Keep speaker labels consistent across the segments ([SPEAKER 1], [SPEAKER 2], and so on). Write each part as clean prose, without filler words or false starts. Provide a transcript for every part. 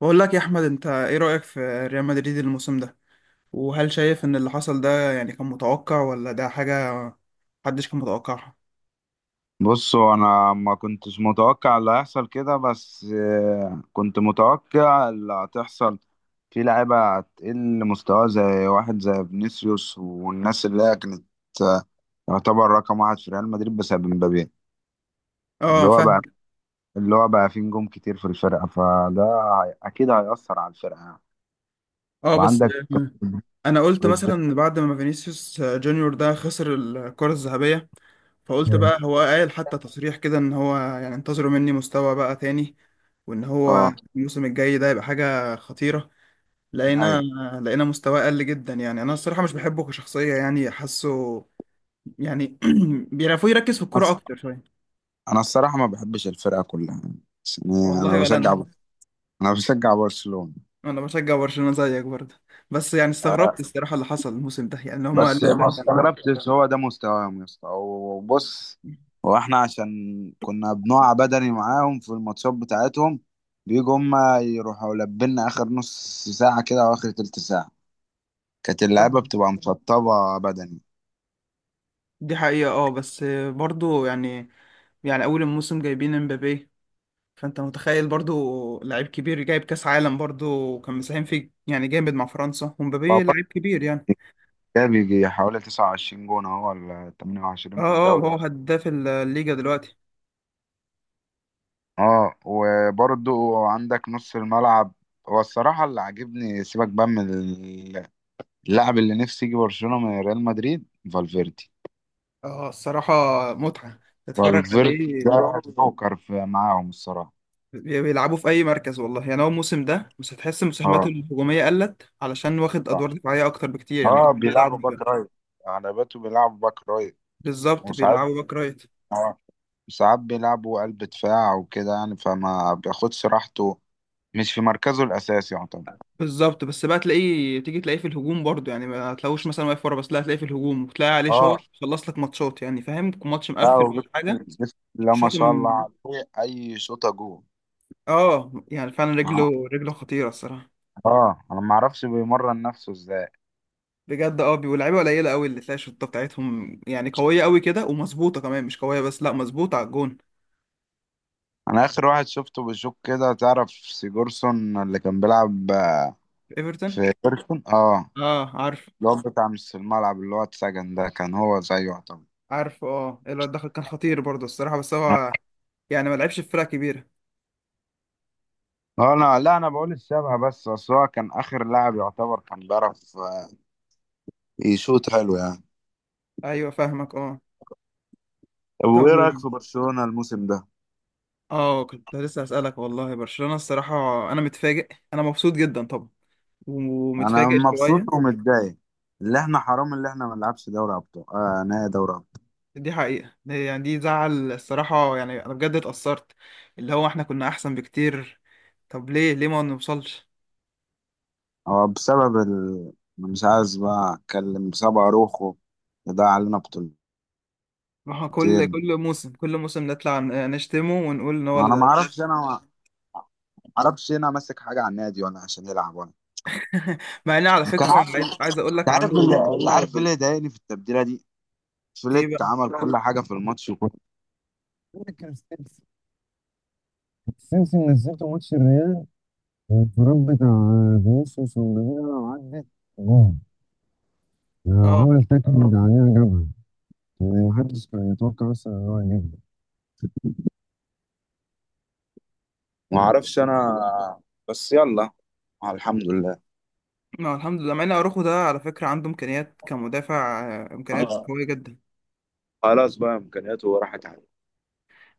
[SPEAKER 1] بقول لك يا احمد، انت ايه رأيك في ريال مدريد الموسم ده؟ وهل شايف ان اللي حصل ده يعني كان متوقع، ولا ده حاجة محدش كان متوقعها؟
[SPEAKER 2] بصوا، انا ما كنتش متوقع اللي هيحصل كده. بس كنت متوقع اللي هتحصل في لعيبة هتقل مستوى، زي واحد زي فينيسيوس والناس اللي هي كانت آه، يعتبر رقم واحد في ريال مدريد بسبب مبابي. اللي
[SPEAKER 1] اه
[SPEAKER 2] هو بقى
[SPEAKER 1] فاهم.
[SPEAKER 2] اللي هو بقى فيه نجوم كتير في الفرقة، فده أكيد هيأثر على الفرقة يعني.
[SPEAKER 1] اه بس
[SPEAKER 2] وعندك.
[SPEAKER 1] انا قلت مثلا بعد ما فينيسيوس جونيور ده خسر الكرة الذهبية، فقلت
[SPEAKER 2] مم.
[SPEAKER 1] بقى هو قال حتى تصريح كده ان هو يعني انتظروا مني مستوى بقى تاني، وان هو
[SPEAKER 2] اه،
[SPEAKER 1] الموسم الجاي ده يبقى حاجة خطيرة.
[SPEAKER 2] ايوه،
[SPEAKER 1] لقينا لقينا مستواه قل جدا. يعني انا الصراحة مش بحبه كشخصية، يعني حاسه يعني بيعرفوا يركز في الكوره
[SPEAKER 2] بس
[SPEAKER 1] اكتر شويه.
[SPEAKER 2] أنا الصراحة ما بحبش الفرقة كلها يعني، بس يعني
[SPEAKER 1] والله
[SPEAKER 2] أنا
[SPEAKER 1] ولا
[SPEAKER 2] بشجع
[SPEAKER 1] انا،
[SPEAKER 2] أنا بشجع برشلونة.
[SPEAKER 1] انا بشجع برشلونه زيك برضه. بس يعني استغربت الصراحه اللي حصل الموسم ده، يعني هما
[SPEAKER 2] بس
[SPEAKER 1] لسه
[SPEAKER 2] ما استغربتش، هو ده مستواهم يا اسطى. وبص، هو احنا عشان كنا بنقع بدني معاهم في الماتشات بتاعتهم، بيجوا هما يروحوا لبلنا اخر نص ساعة كده او اخر تلت ساعة كانت اللعيبة بتبقى مشطبة بدني.
[SPEAKER 1] دي حقيقة، اه بس برضو يعني، يعني أول الموسم جايبين امبابي، فأنت متخيل برضو لعيب كبير جايب كأس عالم، برضو كان مساهم فيه يعني جامد مع فرنسا،
[SPEAKER 2] هو
[SPEAKER 1] ومبابي
[SPEAKER 2] برضه
[SPEAKER 1] لعيب كبير يعني.
[SPEAKER 2] ده بيجي حوالي 29 جون اهو ولا
[SPEAKER 1] اه
[SPEAKER 2] 28 في
[SPEAKER 1] اه،
[SPEAKER 2] الدوري
[SPEAKER 1] هو
[SPEAKER 2] بقى.
[SPEAKER 1] هداف الليجا دلوقتي.
[SPEAKER 2] اه، وبرضه عندك نص الملعب. هو الصراحة اللي عاجبني، سيبك بقى من اللاعب اللي نفسي يجي برشلونة من ريال مدريد، فالفيردي.
[SPEAKER 1] اه الصراحة متعة تتفرج
[SPEAKER 2] فالفيردي
[SPEAKER 1] عليه.
[SPEAKER 2] ده جوكر في معاهم الصراحة.
[SPEAKER 1] بيلعبوا في اي مركز والله. يعني هو الموسم ده بس هتحس المساهمات
[SPEAKER 2] اه.
[SPEAKER 1] الهجوميه قلت، علشان واخد
[SPEAKER 2] اه.
[SPEAKER 1] ادوار دفاعيه اكتر بكتير، يعني كان
[SPEAKER 2] بيلعبوا
[SPEAKER 1] بيلعب
[SPEAKER 2] باك رايت، على باته بيلعبوا باك رايت.
[SPEAKER 1] بالظبط
[SPEAKER 2] وساعات،
[SPEAKER 1] بيلعبوا باك رايت.
[SPEAKER 2] اه، ساعات بيلعبوا قلب دفاع وكده يعني، فما بياخدش راحته، مش في مركزه الأساسي يعتبر.
[SPEAKER 1] بالظبط، بس بقى تلاقيه تيجي تلاقيه في الهجوم برضه، يعني ما هتلاقوش مثلا واقف ورا بس، لا هتلاقيه في الهجوم وتلاقي عليه شوط
[SPEAKER 2] اه،
[SPEAKER 1] خلص لك ماتشات. يعني فاهم، ماتش
[SPEAKER 2] لا
[SPEAKER 1] مقفل ولا حاجه.
[SPEAKER 2] وجسم، جسم لا ما
[SPEAKER 1] شوط
[SPEAKER 2] شاء الله
[SPEAKER 1] من،
[SPEAKER 2] عليه، أي شوطة جول.
[SPEAKER 1] اه يعني فعلا رجله
[SPEAKER 2] اه.
[SPEAKER 1] رجله خطيره الصراحه.
[SPEAKER 2] انا ما اعرفش بيمرن نفسه ازاي.
[SPEAKER 1] بجد اه واللعيبه قليله قوي اللي تلاقي الشوطه بتاعتهم يعني قويه قوي كده، ومظبوطه كمان، مش قويه بس، لا مظبوطه على الجون.
[SPEAKER 2] انا اخر واحد شفته بشوك كده، تعرف سيجورسون اللي كان بيلعب
[SPEAKER 1] ايفرتون.
[SPEAKER 2] في بيرسون؟ اه.
[SPEAKER 1] اه عارف.
[SPEAKER 2] الواد بتاع نص الملعب اللي هو اتسجن ده، كان هو زيه يعتبر.
[SPEAKER 1] عارفه اه، الواد دخل كان خطير برضه الصراحة، بس هو يعني ما لعبش في فرقة كبيرة.
[SPEAKER 2] انا لا، انا بقول الشبه بس، اصل هو كان اخر لاعب يعتبر كان بيعرف يشوط حلو يعني.
[SPEAKER 1] ايوه فاهمك اه.
[SPEAKER 2] طب
[SPEAKER 1] طب
[SPEAKER 2] وايه رايك في برشلونه الموسم ده؟
[SPEAKER 1] اه كنت لسه هسألك والله. برشلونة الصراحة انا متفاجئ. انا مبسوط جدا طبعا،
[SPEAKER 2] انا
[SPEAKER 1] ومتفاجئ
[SPEAKER 2] مبسوط
[SPEAKER 1] شوية.
[SPEAKER 2] ومتضايق، اللي احنا حرام اللي احنا ما نلعبش دوري ابطال، نهائي دوري ابطال.
[SPEAKER 1] دي حقيقة، دي يعني دي زعل الصراحة، يعني انا بجد اتأثرت. اللي هو احنا كنا احسن بكتير. طب ليه ما نوصلش؟
[SPEAKER 2] هو بسبب ال... أنا مش عايز بقى اتكلم، بسبب اروخو ده علينا بطولتين.
[SPEAKER 1] ما هو كل موسم، كل موسم نطلع نشتمه ونقول ان هو اللي
[SPEAKER 2] انا ما
[SPEAKER 1] ضيع.
[SPEAKER 2] اعرفش انا ما اعرفش هنا ماسك حاجه على النادي ولا عشان يلعب ولا
[SPEAKER 1] مع ان على
[SPEAKER 2] كان.
[SPEAKER 1] فكرة، عايز
[SPEAKER 2] انت
[SPEAKER 1] عايز اقول لك
[SPEAKER 2] عارف،
[SPEAKER 1] عنده.
[SPEAKER 2] اللي انت عارف، ايه اللي ضايقني في التبديله دي؟
[SPEAKER 1] ايه
[SPEAKER 2] فليك
[SPEAKER 1] بقى؟
[SPEAKER 2] عمل كل حاجه في الماتش، وكل كان ستيفن نزلته ماتش الريال، والانفراد بتاع فينيسيوس ومبابي لو عدت جون،
[SPEAKER 1] اه،
[SPEAKER 2] عمل تاكلينج عليها جابها. يعني محدش كان يتوقع اصلا ان هو يجيبها. ما اعرفش انا، بس يلا، الحمد لله.
[SPEAKER 1] ما الحمد لله. مع ان اروخو ده على فكره عنده امكانيات كمدافع، امكانيات
[SPEAKER 2] اه،
[SPEAKER 1] قويه جدا.
[SPEAKER 2] خلاص بقى امكانياته راحت عليه.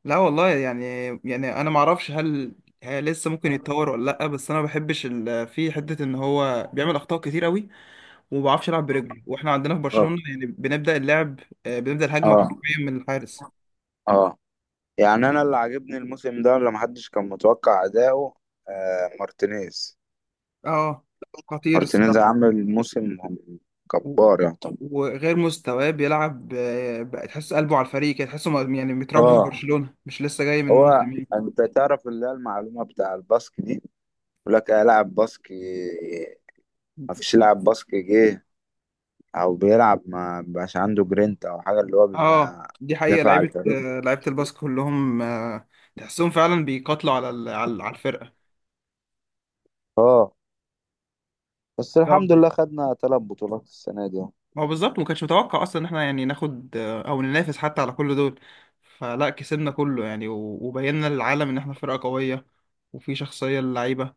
[SPEAKER 1] لا والله يعني، يعني انا ما اعرفش هل هي لسه ممكن يتطور ولا لا، بس انا ما بحبش في حته ان هو بيعمل اخطاء كتير قوي، وما بيعرفش يلعب برجله. واحنا عندنا في
[SPEAKER 2] اه.
[SPEAKER 1] برشلونه يعني بنبدا اللعب، بنبدا الهجمه
[SPEAKER 2] اه.
[SPEAKER 1] حرفيا من الحارس.
[SPEAKER 2] اه. يعني انا اللي عاجبني الموسم ده اللي محدش كان متوقع اداؤه، مارتينيز.
[SPEAKER 1] اه خطير
[SPEAKER 2] مارتينيز
[SPEAKER 1] الصراحه.
[SPEAKER 2] عامل موسم
[SPEAKER 1] و-
[SPEAKER 2] جبار يعني.
[SPEAKER 1] وغير مستواه بيلعب، بقى تحس قلبه على الفريق كده، تحسه يعني متربي في
[SPEAKER 2] اه،
[SPEAKER 1] برشلونه، مش لسه جاي من
[SPEAKER 2] هو
[SPEAKER 1] موسم يعني.
[SPEAKER 2] انت تعرف اللي هي المعلومه بتاع الباسك دي؟ يقول لك ايه، لاعب باسك، ما فيش لاعب باسك جه او بيلعب ما بقاش عنده جرينت او حاجه، اللي هو
[SPEAKER 1] اه
[SPEAKER 2] بيبقى
[SPEAKER 1] دي حقيقة،
[SPEAKER 2] دافع
[SPEAKER 1] لعيبة
[SPEAKER 2] على الفريق.
[SPEAKER 1] لعيبة الباسك كلهم، تحسهم فعلا بيقاتلوا على على الفرقة.
[SPEAKER 2] اه، بس
[SPEAKER 1] لا
[SPEAKER 2] الحمد لله خدنا ثلاث بطولات السنه دي.
[SPEAKER 1] ما هو بالظبط، ما كانش متوقع اصلا ان احنا يعني ناخد، او ننافس حتى على كل دول. فلا كسبنا كله يعني، وبينا للعالم ان احنا فرقة قوية، وفي شخصية للعيبة.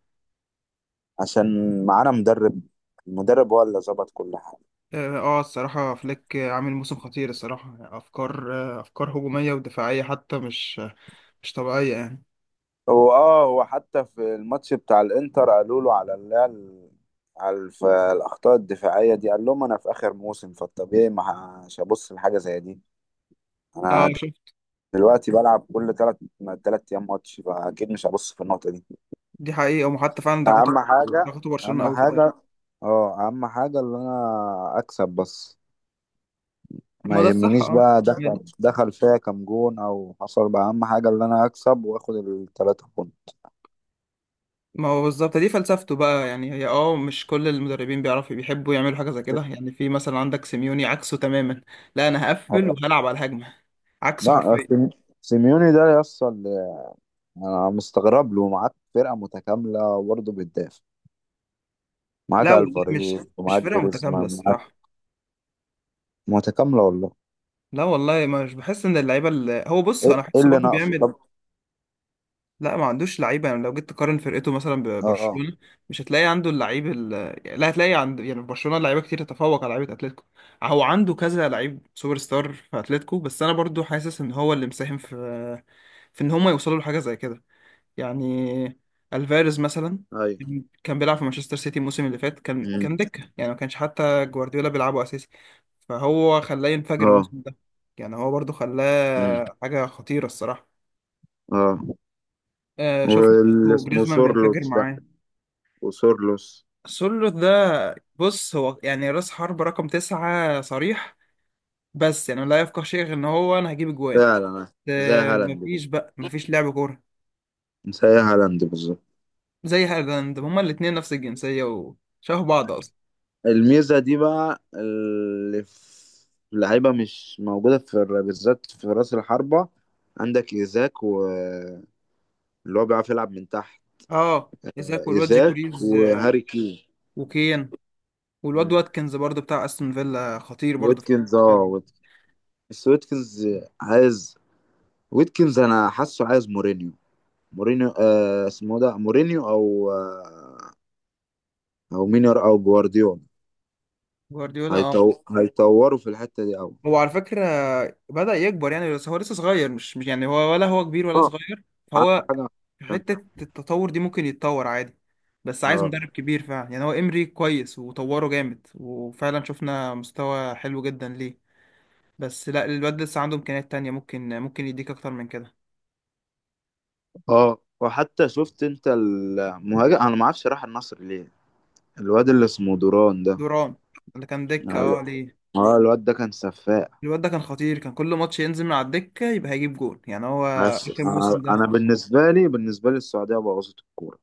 [SPEAKER 2] عشان معانا مدرب، المدرب هو اللي ظبط كل حاجه.
[SPEAKER 1] اه الصراحة فليك عامل موسم خطير الصراحة. افكار، افكار هجومية ودفاعية حتى، مش مش طبيعية يعني.
[SPEAKER 2] هو، اه، هو حتى في الماتش بتاع الانتر قالوا له على اللي هي على الاخطاء الدفاعيه دي، قال لهم انا في اخر موسم، فالطبيعي ما مش هبص لحاجه زي دي.
[SPEAKER 1] اه
[SPEAKER 2] انا
[SPEAKER 1] شوف.
[SPEAKER 2] دلوقتي بلعب كل ثلاث ايام ماتش، فاكيد مش هبص في النقطه دي.
[SPEAKER 1] دي حقيقة، وحتى فعلا ضغطوا،
[SPEAKER 2] اهم حاجه،
[SPEAKER 1] ضغطوا برشلونة
[SPEAKER 2] اهم
[SPEAKER 1] قوي في الاخر.
[SPEAKER 2] حاجه، اه، اهم حاجه اللي انا اكسب بس.
[SPEAKER 1] ما
[SPEAKER 2] ما
[SPEAKER 1] ده الصح
[SPEAKER 2] يهمنيش
[SPEAKER 1] اه.
[SPEAKER 2] بقى دخل
[SPEAKER 1] يعني
[SPEAKER 2] دخل فيا كام جون او حصل بقى، اهم حاجه اللي انا اكسب واخد الثلاثه جون.
[SPEAKER 1] ما هو بالظبط دي فلسفته بقى. يعني هي اه مش كل المدربين بيعرفوا بيحبوا يعملوا حاجة زي كده. يعني في مثلا عندك سيميوني عكسه تماما. لا انا هقفل وهلعب على الهجمة، عكسه
[SPEAKER 2] لا،
[SPEAKER 1] حرفيا.
[SPEAKER 2] سيميوني ده يصل، انا مستغرب له، معاك فرقه متكامله برضه، بتدافع، معاك
[SPEAKER 1] لا والله مش
[SPEAKER 2] الفاريز
[SPEAKER 1] مش
[SPEAKER 2] ومعاك
[SPEAKER 1] فرقة متكاملة
[SPEAKER 2] جريزمان معاك.
[SPEAKER 1] الصراحة.
[SPEAKER 2] متكامله والله،
[SPEAKER 1] لا والله مش بحس ان اللعيبة، اللي هو بص انا
[SPEAKER 2] ايه، إيه
[SPEAKER 1] بحسه
[SPEAKER 2] اللي
[SPEAKER 1] برضه
[SPEAKER 2] ناقصه
[SPEAKER 1] بيعمل.
[SPEAKER 2] طب؟
[SPEAKER 1] لا ما عندوش لعيبه. يعني لو جيت تقارن فرقته مثلا
[SPEAKER 2] اه،
[SPEAKER 1] ببرشلونه، مش هتلاقي عنده اللعيب ال... لا هتلاقي عند، يعني في برشلونه لعيبه كتير تتفوق على لعيبه اتلتيكو. هو عنده كذا لعيب سوبر ستار في اتلتيكو، بس انا برضو حاسس ان هو اللي مساهم في، في ان هم يوصلوا لحاجه زي كده يعني. الفاريز مثلا،
[SPEAKER 2] ايوه.
[SPEAKER 1] كان بيلعب في مانشستر سيتي الموسم اللي فات، كان
[SPEAKER 2] مم.
[SPEAKER 1] كان دكه، يعني ما كانش حتى جوارديولا بيلعبه اساسي. فهو خلاه ينفجر
[SPEAKER 2] اه.
[SPEAKER 1] الموسم ده. يعني هو برضو
[SPEAKER 2] مم.
[SPEAKER 1] خلاه حاجه خطيره الصراحه.
[SPEAKER 2] اه،
[SPEAKER 1] آه شفنا.
[SPEAKER 2] واللي اسمه
[SPEAKER 1] وجريزمان بينفجر
[SPEAKER 2] سورلوس ده،
[SPEAKER 1] معاه.
[SPEAKER 2] وسورلوس.
[SPEAKER 1] سولو ده بص هو يعني راس حرب رقم تسعة صريح، بس يعني لا يفقه شيء غير ان هو انا هجيب اجوان.
[SPEAKER 2] فعلا، زي
[SPEAKER 1] آه
[SPEAKER 2] هالاند كده.
[SPEAKER 1] مفيش بقى، مفيش لعب كورة.
[SPEAKER 2] زي هالاند بالظبط.
[SPEAKER 1] زي هالاند، هما الاتنين نفس الجنسية وشبه بعض اصلا.
[SPEAKER 2] الميزه دي بقى اللي في لعيبه مش موجوده في بالذات في راس الحربه. عندك ايزاك، واللي هو بيعرف يلعب من تحت،
[SPEAKER 1] اه ايزاك والواد
[SPEAKER 2] ايزاك
[SPEAKER 1] جيكوريز
[SPEAKER 2] وهاري كين.
[SPEAKER 1] وكين، والواد
[SPEAKER 2] مم.
[SPEAKER 1] واتكنز برضه بتاع استون فيلا، خطير برضه في.
[SPEAKER 2] ويتكنز، اه ويتكنز، بس ويتكنز عايز، ويتكنز انا حاسه عايز مورينيو، مورينيو، اسمه ده مورينيو او او مينر او جوارديولا.
[SPEAKER 1] جوارديولا اه.
[SPEAKER 2] هيطوروا في الحتة دي قوي.
[SPEAKER 1] هو على فكرة بدأ يكبر يعني، بس هو لسه صغير، مش مش يعني، هو ولا هو كبير ولا
[SPEAKER 2] اه،
[SPEAKER 1] صغير.
[SPEAKER 2] عندك
[SPEAKER 1] فهو
[SPEAKER 2] حاجة أحسن.
[SPEAKER 1] حتة التطور دي ممكن يتطور عادي، بس عايز
[SPEAKER 2] اه.
[SPEAKER 1] مدرب كبير فعلا. يعني هو إمري كويس وطوره جامد، وفعلا شفنا مستوى حلو جدا ليه، بس لا الواد لسه عنده إمكانيات تانية، ممكن يديك أكتر من كده.
[SPEAKER 2] اه، وحتى شفت انت المهاجم؟ انا ما اعرفش راح النصر ليه، الواد اللي اسمه دوران ده.
[SPEAKER 1] دوران، اللي كان دكة اه ليه.
[SPEAKER 2] اه، الواد ده كان سفاق.
[SPEAKER 1] الواد ده كان خطير، كان كل ماتش ينزل من على الدكة يبقى هيجيب جول. يعني هو
[SPEAKER 2] بس
[SPEAKER 1] آخر
[SPEAKER 2] انا
[SPEAKER 1] موسم
[SPEAKER 2] أنا
[SPEAKER 1] ده
[SPEAKER 2] بالنسبه لي السعوديه بوظت الكوره.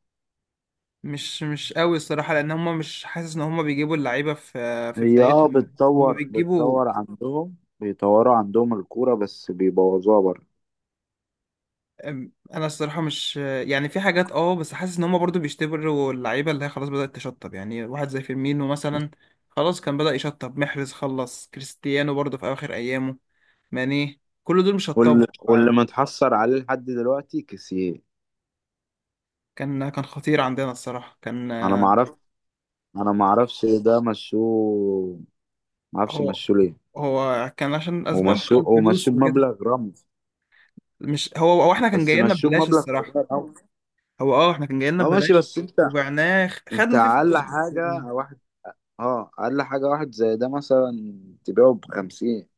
[SPEAKER 1] مش مش قوي الصراحة، لأن هما مش، حاسس إن هما بيجيبوا اللعيبة في في
[SPEAKER 2] هي، اه،
[SPEAKER 1] بدايتهم، هما
[SPEAKER 2] بتطور
[SPEAKER 1] بيجيبوا.
[SPEAKER 2] بتطور عندهم، بيطوروا عندهم الكورة بس بيبوظوها بره.
[SPEAKER 1] انا الصراحه مش، يعني في حاجات اه، بس حاسس ان هم برضو بيشتبروا اللعيبه اللي هي خلاص بدات تشطب. يعني واحد زي فيرمينو مثلا، خلاص كان بدا يشطب، محرز خلص، كريستيانو برضو في اخر ايامه، ماني، كل دول شطبوا.
[SPEAKER 2] واللي
[SPEAKER 1] آه،
[SPEAKER 2] متحسر عليه لحد دلوقتي كيسيه.
[SPEAKER 1] كان كان خطير عندنا الصراحه، كان
[SPEAKER 2] انا ما اعرف انا ما اعرفش إيه ده مشوه. ما اعرفش
[SPEAKER 1] هو
[SPEAKER 2] مشوه ليه.
[SPEAKER 1] هو كان عشان اسباب بقى،
[SPEAKER 2] ومشوه
[SPEAKER 1] الفلوس وكده.
[SPEAKER 2] بمبلغ رمز.
[SPEAKER 1] مش هو، هو احنا كان
[SPEAKER 2] بس
[SPEAKER 1] جاي لنا
[SPEAKER 2] مشوه
[SPEAKER 1] ببلاش
[SPEAKER 2] بمبلغ
[SPEAKER 1] الصراحه.
[SPEAKER 2] صغير قوي.
[SPEAKER 1] هو اه احنا كان جاي لنا
[SPEAKER 2] اه ماشي،
[SPEAKER 1] ببلاش،
[SPEAKER 2] بس انت،
[SPEAKER 1] وبعناه
[SPEAKER 2] انت
[SPEAKER 1] خدنا فيه
[SPEAKER 2] اقل
[SPEAKER 1] فلوس بس
[SPEAKER 2] حاجة
[SPEAKER 1] يعني.
[SPEAKER 2] واحد، اه، اقل حاجة واحد زي ده مثلا تبيعه بخمسين.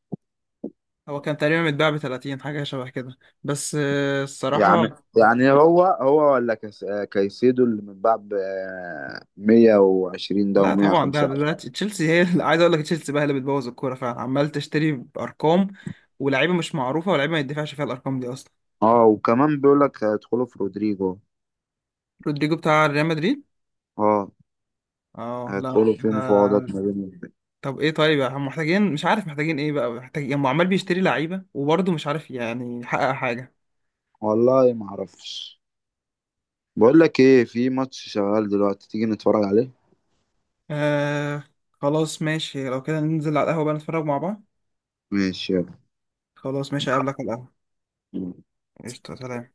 [SPEAKER 1] هو كان تقريبا متباع ب 30 حاجة شبه كده، بس الصراحة.
[SPEAKER 2] يعني يعني هو ولا كايسيدو اللي من بعد 120 ده
[SPEAKER 1] لا طبعا، ده ده
[SPEAKER 2] و125.
[SPEAKER 1] دلوقتي تشيلسي هي عايز اقول لك تشيلسي بقى هي اللي بتبوظ الكورة فعلا، عمال تشتري بأرقام ولاعيبة مش معروفة ولاعيبة ما يدفعش فيها الأرقام دي أصلا.
[SPEAKER 2] اه، وكمان بيقول لك هيدخلوا في رودريجو.
[SPEAKER 1] رودريجو بتاع ريال مدريد.
[SPEAKER 2] اه،
[SPEAKER 1] اه لا
[SPEAKER 2] هيدخلوا في
[SPEAKER 1] ده.
[SPEAKER 2] مفاوضات ما بينهم.
[SPEAKER 1] طب ايه، طيب هم محتاجين، مش عارف محتاجين ايه بقى محتاجين، هم عمال بيشتري لعيبة وبرضه مش عارف يعني يحقق حاجة.
[SPEAKER 2] والله ما اعرفش. بقول لك ايه، في ماتش شغال دلوقتي، تيجي نتفرج عليه؟
[SPEAKER 1] آه خلاص ماشي، لو كده ننزل على القهوة بقى نتفرج مع بعض.
[SPEAKER 2] ماشي.
[SPEAKER 1] خلاص ماشي، أقابلك على القهوة.
[SPEAKER 2] يلا.
[SPEAKER 1] قشطة، سلام.